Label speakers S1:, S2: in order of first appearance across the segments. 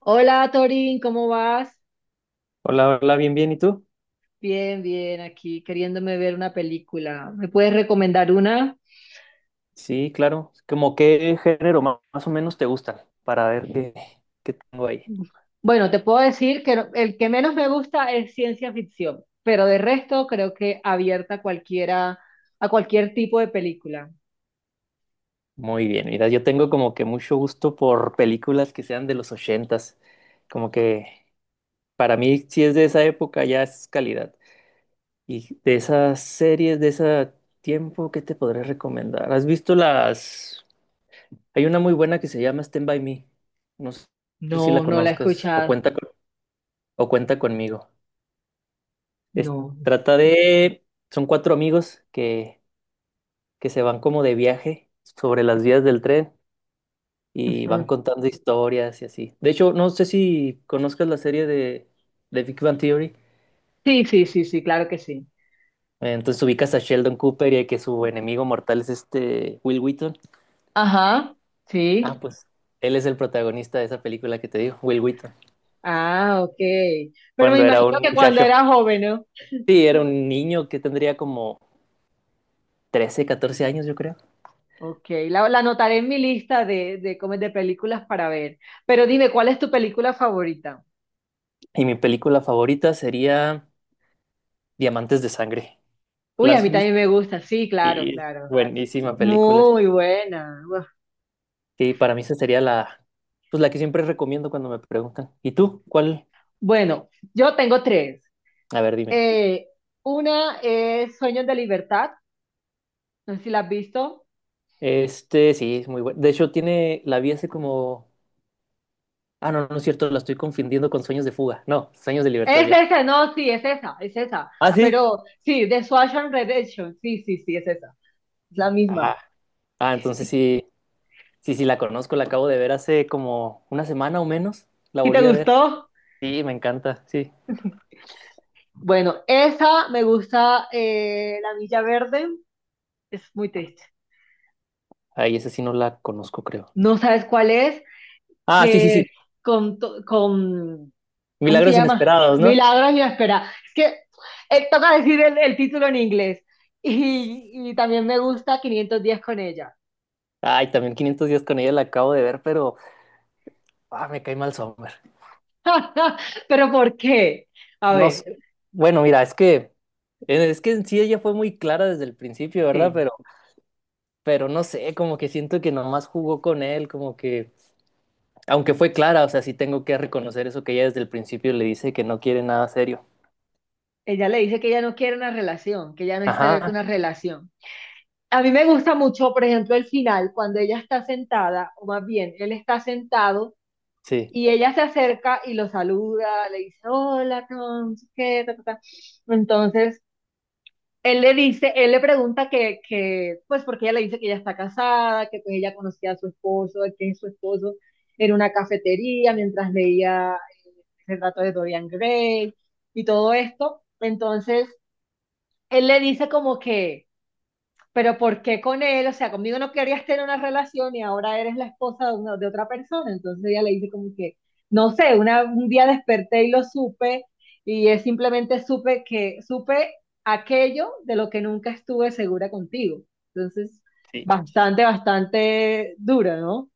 S1: Hola Torín, ¿cómo vas?
S2: Hola, hola, bien, bien. ¿Y tú?
S1: Bien, bien, aquí queriéndome ver una película. ¿Me puedes recomendar una?
S2: Sí, claro. Como qué género más o menos te gusta para ver qué tengo ahí.
S1: Bueno, te puedo decir que el que menos me gusta es ciencia ficción, pero de resto creo que abierta a cualquiera, a cualquier tipo de película.
S2: Muy bien. Mira, yo tengo como que mucho gusto por películas que sean de los 80. Como que para mí, si es de esa época, ya es calidad. Y de esas series, de ese tiempo, ¿qué te podré recomendar? ¿Has visto las? Hay una muy buena que se llama Stand By Me. No sé si
S1: No,
S2: la
S1: no la he
S2: conozcas o
S1: escuchado.
S2: cuenta, o cuenta conmigo. Es-
S1: No.
S2: trata de, son cuatro amigos que se van como de viaje sobre las vías del tren y
S1: Ujú.
S2: van contando historias y así. De hecho, no sé si conozcas la serie de Big Bang Theory.
S1: Sí, sí, sí, sí, claro que sí.
S2: Entonces ubicas a Sheldon Cooper y a que su enemigo mortal es este Will Wheaton.
S1: Ajá, sí.
S2: Ah, pues él es el protagonista de esa película que te digo, Will Wheaton,
S1: Ah, ok. Pero me
S2: cuando era
S1: imagino
S2: un
S1: que cuando
S2: muchacho.
S1: era joven, ¿no?
S2: Sí, era un niño que tendría como 13, 14 años, yo creo.
S1: Ok, la anotaré en mi lista como de películas para ver. Pero dime, ¿cuál es tu película favorita?
S2: Y mi película favorita sería Diamantes de Sangre. ¿La
S1: Uy, a
S2: has
S1: mí también
S2: visto?
S1: me gusta, sí, claro,
S2: Sí,
S1: claro.
S2: buenísima película.
S1: Muy buena. Uf.
S2: Sí, para mí esa sería pues la que siempre recomiendo cuando me preguntan. ¿Y tú? ¿Cuál?
S1: Bueno, yo tengo tres.
S2: A ver, dime.
S1: Eh, una es Sueños de Libertad, no sé si la has visto.
S2: Este, sí, es muy bueno. De hecho, la vi hace como, ah, no, no es cierto, la estoy confundiendo con Sueños de Fuga. No, Sueños de Libertad
S1: Es
S2: ya.
S1: esa, no, sí, es esa, es esa.
S2: ¿Ah, sí?
S1: Pero sí, de Shawshank Redemption, sí, sí, sí, es esa, es la misma.
S2: Ah, ah, entonces sí, sí, sí, la conozco, la acabo de ver hace como una semana o menos. La
S1: ¿Sí te
S2: volví a ver.
S1: gustó?
S2: Sí, me encanta, sí.
S1: Bueno, esa me gusta, La Milla Verde, es muy triste.
S2: Ay, esa sí no la conozco, creo.
S1: No sabes cuál es,
S2: Ah, sí, sí,
S1: que
S2: sí.
S1: con, con, ¿cómo se
S2: Milagros
S1: llama?
S2: inesperados, ¿no?
S1: Milagros y la espera. Es que toca decir el título en inglés. Y también me gusta 500 días con ella.
S2: Ay, también 500 días con ella la acabo de ver, pero ah, me cae mal Sommer.
S1: Pero ¿por qué? A
S2: No
S1: ver,
S2: sé. Bueno, mira, es que en sí ella fue muy clara desde el principio, ¿verdad?
S1: sí.
S2: Pero no sé, como que siento que nomás jugó con él, como que aunque fue clara, o sea, sí tengo que reconocer eso que ella desde el principio le dice que no quiere nada serio.
S1: Ella le dice que ella no quiere una relación, que ella no está abierta a
S2: Ajá.
S1: una relación. A mí me gusta mucho, por ejemplo, el final, cuando ella está sentada, o más bien, él está sentado.
S2: Sí.
S1: Y ella se acerca y lo saluda, le dice, "Hola, Tom, ¿qué? Ta, ta, ta". Entonces, él le dice, él le pregunta pues porque ella le dice que ella está casada, que pues ella conocía a su esposo, que su esposo era una cafetería mientras leía el relato de Dorian Gray y todo esto. Entonces, él le dice como que, pero ¿por qué con él? O sea, conmigo no querías tener una relación y ahora eres la esposa de, una- de otra persona. Entonces ella le dice como que, no sé, una, un día desperté y lo supe y es simplemente supe que supe aquello de lo que nunca estuve segura contigo. Entonces,
S2: Sí.
S1: bastante, bastante dura, ¿no?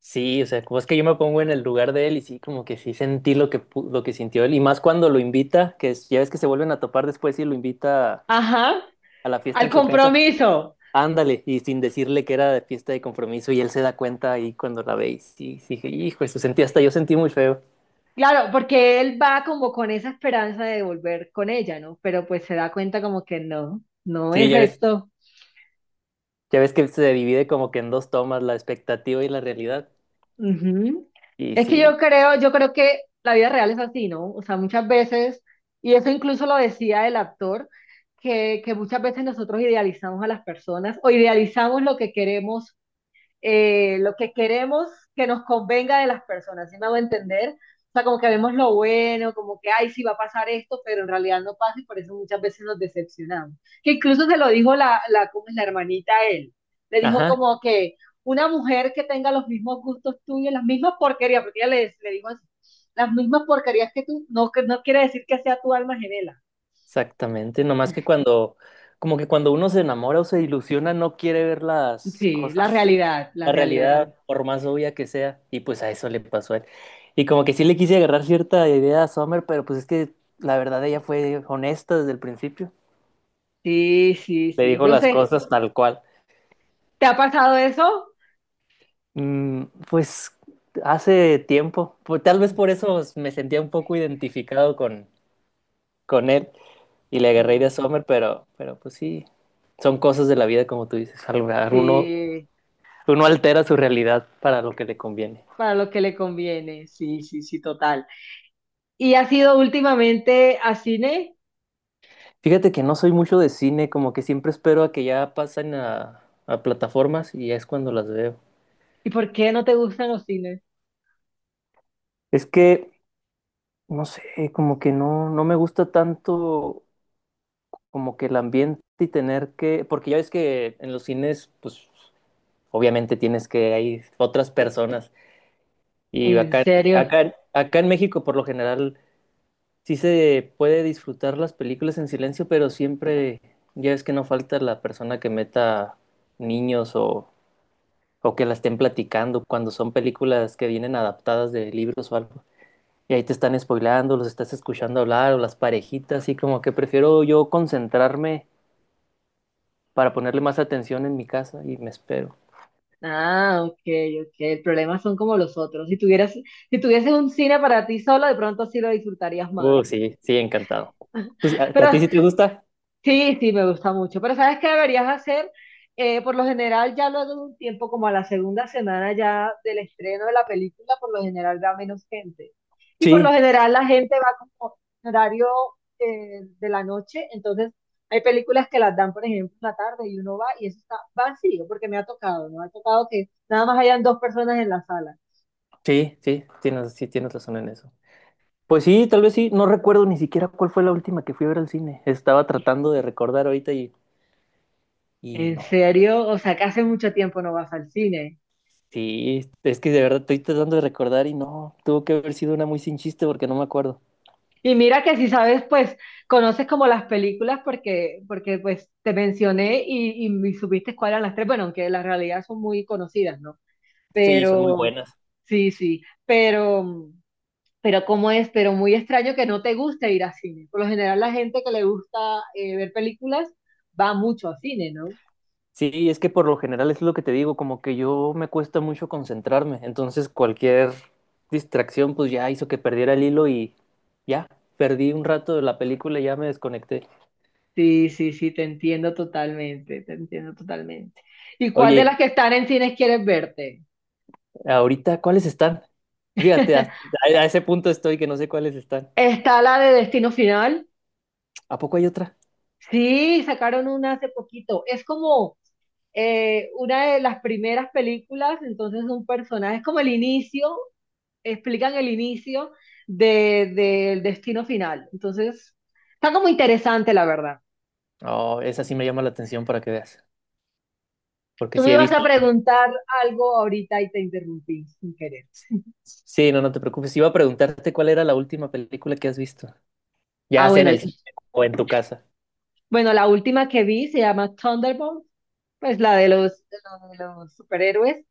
S2: Sí, o sea, como es que yo me pongo en el lugar de él y sí, como que sí sentí lo que lo que sintió él y más cuando lo invita, que ya ves que se vuelven a topar después y lo invita
S1: Ajá,
S2: a la fiesta
S1: al
S2: en su casa.
S1: compromiso.
S2: Ándale, y sin decirle que era de fiesta de compromiso, y él se da cuenta ahí cuando la ve, y sí, sí, dije, hijo, eso sentí hasta yo sentí muy feo.
S1: Claro, porque él va como con esa esperanza de volver con ella, ¿no? Pero pues se da cuenta como que no, no
S2: Sí,
S1: es
S2: ya ves,
S1: esto.
S2: ya ves que se divide como que en dos tomas, la expectativa y la realidad.
S1: Ujú.
S2: Y
S1: Es que
S2: sí,
S1: yo creo que la vida real es así, ¿no? O sea, muchas veces, y eso incluso lo decía el actor, que muchas veces nosotros idealizamos a las personas o idealizamos lo que queremos eh, lo que queremos que nos convenga de las personas, ¿sí me hago entender? O sea, como que vemos lo bueno, como que, ay, sí va a pasar esto, pero en realidad no pasa y por eso muchas veces nos decepcionamos. Que incluso se lo dijo ¿cómo es la hermanita a él? Le dijo
S2: ajá,
S1: como que una mujer que tenga los mismos gustos tuyos, las mismas porquerías, porque ella le dijo así, las mismas porquerías que tú, no, que no quiere decir que sea tu alma gemela.
S2: exactamente. Nomás que como que cuando uno se enamora o se ilusiona, no quiere ver las
S1: Sí, la
S2: cosas,
S1: realidad, la
S2: la
S1: realidad.
S2: realidad, por más obvia que sea, y pues a eso le pasó a él. Y como que sí le quise agarrar cierta idea a Summer, pero pues es que la verdad ella fue honesta desde el principio.
S1: Sí, sí,
S2: Le
S1: sí.
S2: dijo
S1: Yo
S2: las
S1: sé,
S2: cosas tal cual.
S1: ¿te ha pasado eso?
S2: Pues hace tiempo, tal vez por eso me sentía un poco identificado con él y le agarré de
S1: Mm.
S2: Sommer, pero pues sí, son cosas de la vida como tú dices, uno,
S1: Sí,
S2: uno altera su realidad para lo que le conviene.
S1: para lo que le conviene, sí, sí, sí, total. ¿Y has ido últimamente a cine?
S2: Fíjate que no soy mucho de cine, como que siempre espero a que ya pasen a plataformas y es cuando las veo.
S1: ¿Y por qué no te gustan los cines?
S2: Es que, no sé, como que no, no me gusta tanto como que el ambiente y tener que, porque ya ves que en los cines, pues obviamente hay otras personas y
S1: ¿En
S2: acá,
S1: serio?
S2: acá, acá en México por lo general sí se puede disfrutar las películas en silencio, pero siempre ya ves que no falta la persona que meta niños o que la estén platicando cuando son películas que vienen adaptadas de libros o algo. Y ahí te están spoileando, los estás escuchando hablar o las parejitas, y como que prefiero yo concentrarme para ponerle más atención en mi casa y me espero.
S1: Ah, ok, ok. El problema son como los otros. Si tuvieras, si tuvieses un cine para ti solo, de pronto sí lo disfrutarías más.
S2: Sí, sí, encantado. Pues, ¿a,
S1: Pero
S2: a ti sí te gusta?
S1: sí, sí, me gusta mucho. Pero ¿sabes qué deberías hacer? Por lo general, ya luego de un tiempo, como a la segunda semana ya del estreno de la película, por lo general va menos gente. Y por lo
S2: Sí,
S1: general la gente va como en horario de la noche. Entonces hay películas que las dan, por ejemplo, en la tarde y uno va y eso está vacío, porque me ha tocado, ¿no? Ha tocado que nada más hayan dos personas en la sala.
S2: sí, sí, sí, tienes razón en eso. Pues sí, tal vez sí, no recuerdo ni siquiera cuál fue la última que fui a ver al cine. Estaba tratando de recordar ahorita y
S1: ¿En
S2: no.
S1: serio? O sea, que hace mucho tiempo no vas al cine.
S2: Sí, es que de verdad estoy tratando de recordar y no, tuvo que haber sido una muy sin chiste porque no me acuerdo.
S1: Y mira que si sabes, pues conoces como las películas porque, porque pues te mencioné y supiste cuáles eran las tres, bueno, aunque las realidad son muy conocidas, ¿no?
S2: Sí, son muy
S1: Pero,
S2: buenas.
S1: sí, sí, pero cómo es, pero muy extraño que no te guste ir a cine. Por lo general la gente que le gusta ver películas va mucho a cine, ¿no?
S2: Sí, es que por lo general es lo que te digo, como que yo me cuesta mucho concentrarme, entonces cualquier distracción pues ya hizo que perdiera el hilo y ya, perdí un rato de la película y ya me desconecté.
S1: Sí, sí, sí, te entiendo totalmente, te entiendo totalmente. ¿Y cuál de las
S2: Oye,
S1: que están en cines quieres verte?
S2: y ahorita, ¿cuáles están? Fíjate, hasta- a, a ese punto estoy que no sé cuáles están.
S1: Está la de Destino Final.
S2: ¿A poco hay otra?
S1: Sí, sacaron una hace poquito. Es como una de las primeras películas, entonces un personaje, es como el inicio, explican el inicio del destino final. Entonces, está como interesante, la verdad.
S2: Oh, esa sí me llama la atención para que veas, porque
S1: Tú me
S2: sí he
S1: ibas a
S2: visto.
S1: preguntar algo ahorita y te interrumpí sin querer.
S2: Sí, no, no te preocupes, iba a preguntarte cuál era la última película que has visto, ya
S1: Ah,
S2: sea en
S1: bueno,
S2: el cine o en tu casa.
S1: bueno, la última que vi se llama Thunderbolt, pues la de los superhéroes.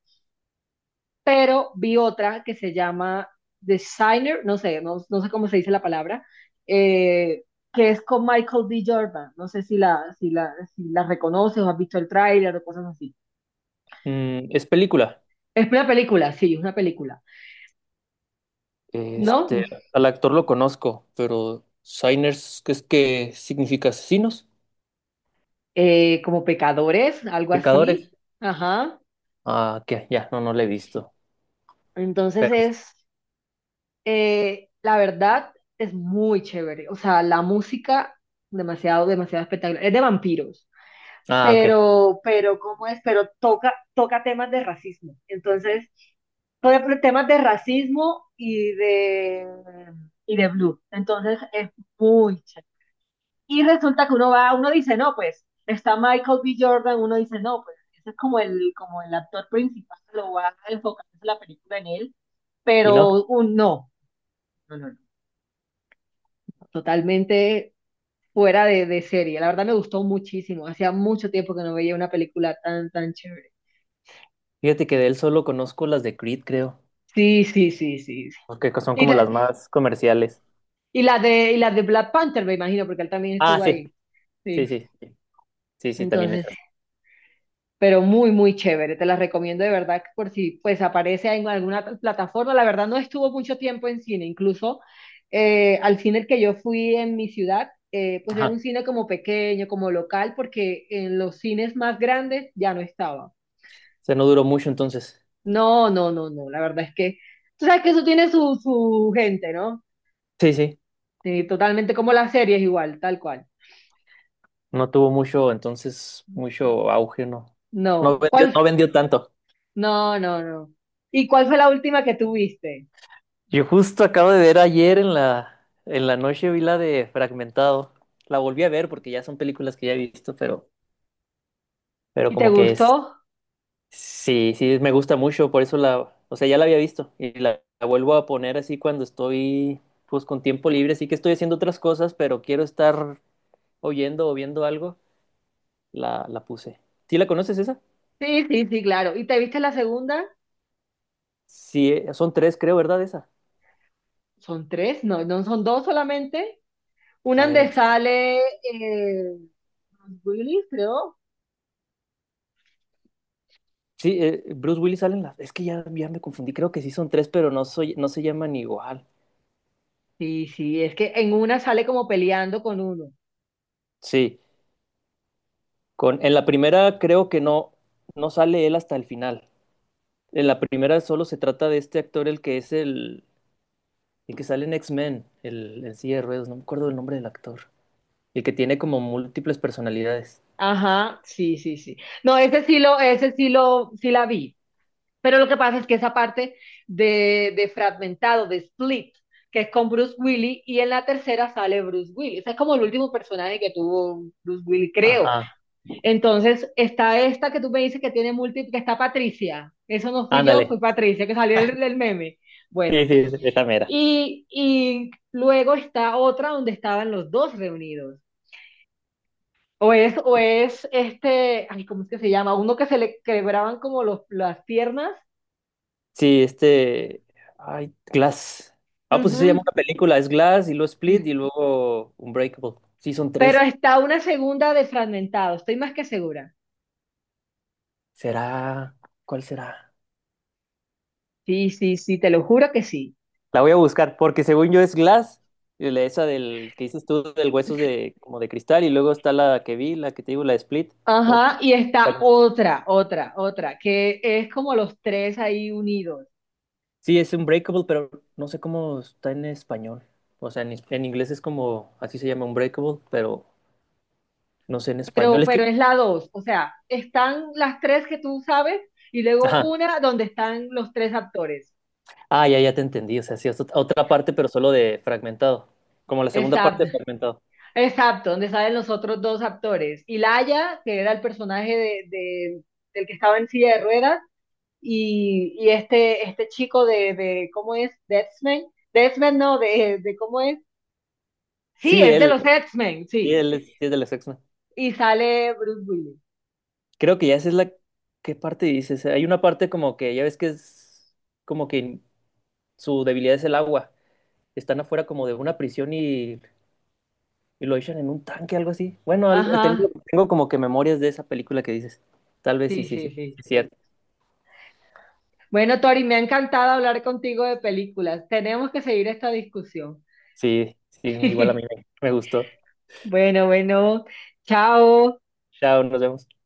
S1: Pero vi otra que se llama Designer, no sé, no, no sé cómo se dice la palabra, eh, que es con Michael D. Jordan. No sé si la reconoces o has visto el tráiler o cosas así.
S2: ¿Es película?
S1: Es una película, sí, es una película, ¿no?
S2: Este, al actor lo conozco, pero Shiners, ¿qué es que significa asesinos?
S1: Como pecadores, algo así.
S2: Pecadores.
S1: Ajá.
S2: Ah, que ya, no, no lo he visto.
S1: Entonces
S2: Pero, sí.
S1: es, la verdad, es muy chévere. O sea, la música, demasiado, demasiado espectacular. Es de vampiros.
S2: Ah, ok.
S1: Pero, ¿cómo es? Pero toca, toca temas de racismo. Entonces, toca temas de racismo y de blue. Entonces, es muy chévere. Y resulta que uno va, uno dice, no, pues, está Michael B. Jordan, uno dice, no, pues, ese es como el actor principal, lo va a enfocar la película en él,
S2: Y no,
S1: pero un no, no, no, no, totalmente fuera de serie. La verdad me gustó muchísimo. Hacía mucho tiempo que no veía una película tan, tan chévere.
S2: fíjate que de él solo conozco las de Creed, creo,
S1: Sí, sí, sí, sí, sí.
S2: porque son
S1: Y
S2: como
S1: la,
S2: las más comerciales.
S1: y la de Black Panther, me imagino, porque él también
S2: Ah,
S1: estuvo
S2: sí,
S1: ahí. Sí.
S2: sí, sí, sí, sí, sí, también
S1: Entonces,
S2: esas.
S1: pero muy, muy chévere. Te la recomiendo de verdad que por si pues aparece en alguna plataforma. La verdad no estuvo mucho tiempo en cine. Incluso al cine que yo fui en mi ciudad, pues era
S2: Ajá.
S1: un cine como pequeño, como local, porque en los cines más grandes ya no estaba.
S2: O sea, no duró mucho entonces.
S1: No, no, no, no. La verdad es que tú sabes que eso tiene su gente, ¿no?
S2: Sí, sí,
S1: Sí, totalmente como las series igual, tal cual.
S2: no tuvo mucho, entonces, mucho auge, no. No
S1: No.
S2: vendió, no
S1: ¿Cuál?
S2: vendió tanto.
S1: No, no, no. ¿Y cuál fue la última que tuviste?
S2: Yo justo acabo de ver ayer en la, noche vi la de Fragmentado. La volví a ver porque ya son películas que ya he visto, pero
S1: ¿Y te
S2: como que es,
S1: gustó?
S2: sí, sí, me gusta mucho, por eso o sea, ya la había visto y la vuelvo a poner así cuando estoy, pues con tiempo libre, así que estoy haciendo otras cosas, pero quiero estar oyendo o viendo algo, la puse. ¿Sí la conoces esa?
S1: Sí, sí, sí, claro. ¿Y te viste la segunda?
S2: Sí, son tres, creo, ¿verdad? Esa.
S1: Son tres, no, no son dos solamente. Una
S2: A ver,
S1: donde sale Bruce Willis, creo.
S2: sí, Bruce Willis salen las, es que ya me confundí, creo que sí son tres, pero no se llaman igual.
S1: Sí, sí, es que en una sale como peleando con uno.
S2: Sí, en la primera creo que no, no sale él hasta el final. En la primera solo se trata de este actor, el que es el que sale en X-Men, el silla de ruedas, no me acuerdo el nombre del actor. El que tiene como múltiples personalidades.
S1: Ajá, sí, sí, sí. No, sí la vi. Pero lo que pasa es que esa parte de fragmentado, de split, que es con Bruce Willis, y en la tercera sale Bruce Willis. Ese es como el último personaje que tuvo Bruce Willis, creo.
S2: Ajá,
S1: Entonces, está esta que tú me dices que tiene múltiples, que está Patricia. Eso no fui yo,
S2: ándale.
S1: fue Patricia, que salió del meme.
S2: Sí,
S1: Bueno,
S2: sí, sí, esa mera.
S1: y luego está otra donde estaban los dos reunidos. O es este, ay, ¿cómo es que se llama? Uno que se le quebraban como las piernas.
S2: Sí, este. Ay, Glass. Ah, pues sí se llama
S1: Ujú,
S2: una película. Es Glass y luego Split y luego Unbreakable. Sí, son
S1: pero
S2: tres.
S1: está una segunda de fragmentado, estoy más que segura.
S2: ¿Será? ¿Cuál será?
S1: Sí, sí, sí, te lo juro que sí.
S2: La voy a buscar, porque según yo es Glass, y esa del que dices tú, del huesos como de cristal, y luego está la que vi, la que te digo, la de Split. o-
S1: Ajá, y está otra, que es como los tres ahí unidos,
S2: Sí, es Unbreakable, pero no sé cómo está en español. O sea, en inglés es como, así se llama Unbreakable, pero no sé en español. Es que,
S1: pero es la dos, o sea, están las tres que tú sabes y luego
S2: ajá,
S1: una donde están los tres actores.
S2: ah, ya te entendí. O sea, sí, es otra parte, pero solo de fragmentado. Como la segunda parte
S1: Exacto,
S2: de fragmentado.
S1: exacto, donde salen los otros dos actores. Y Laia, que era el personaje del que estaba en silla de ruedas, y este, chico de, ¿cómo es? De X-Men. De X-Men no, de, ¿cómo es? Sí,
S2: Sí,
S1: es de
S2: él,
S1: los X-Men,
S2: sí,
S1: sí.
S2: él es, sí es de los x.
S1: Y sale Bruce Willis.
S2: Creo que ya esa es la. ¿Qué parte dices? Hay una parte como que, ya ves que es como que su debilidad es el agua. Están afuera como de una prisión y lo echan en un tanque, algo así. Bueno, algo, tengo,
S1: Ajá,
S2: tengo como que memorias de esa película que dices. Tal vez sí,
S1: sí,
S2: sí,
S1: sí,
S2: sí,
S1: sí.
S2: sí, cierto.
S1: Bueno, Tori, me ha encantado hablar contigo de películas. Tenemos que seguir esta discusión.
S2: Sí, sí, igual a mí me gustó.
S1: Bueno, bueno, chao.
S2: Chao, nos vemos.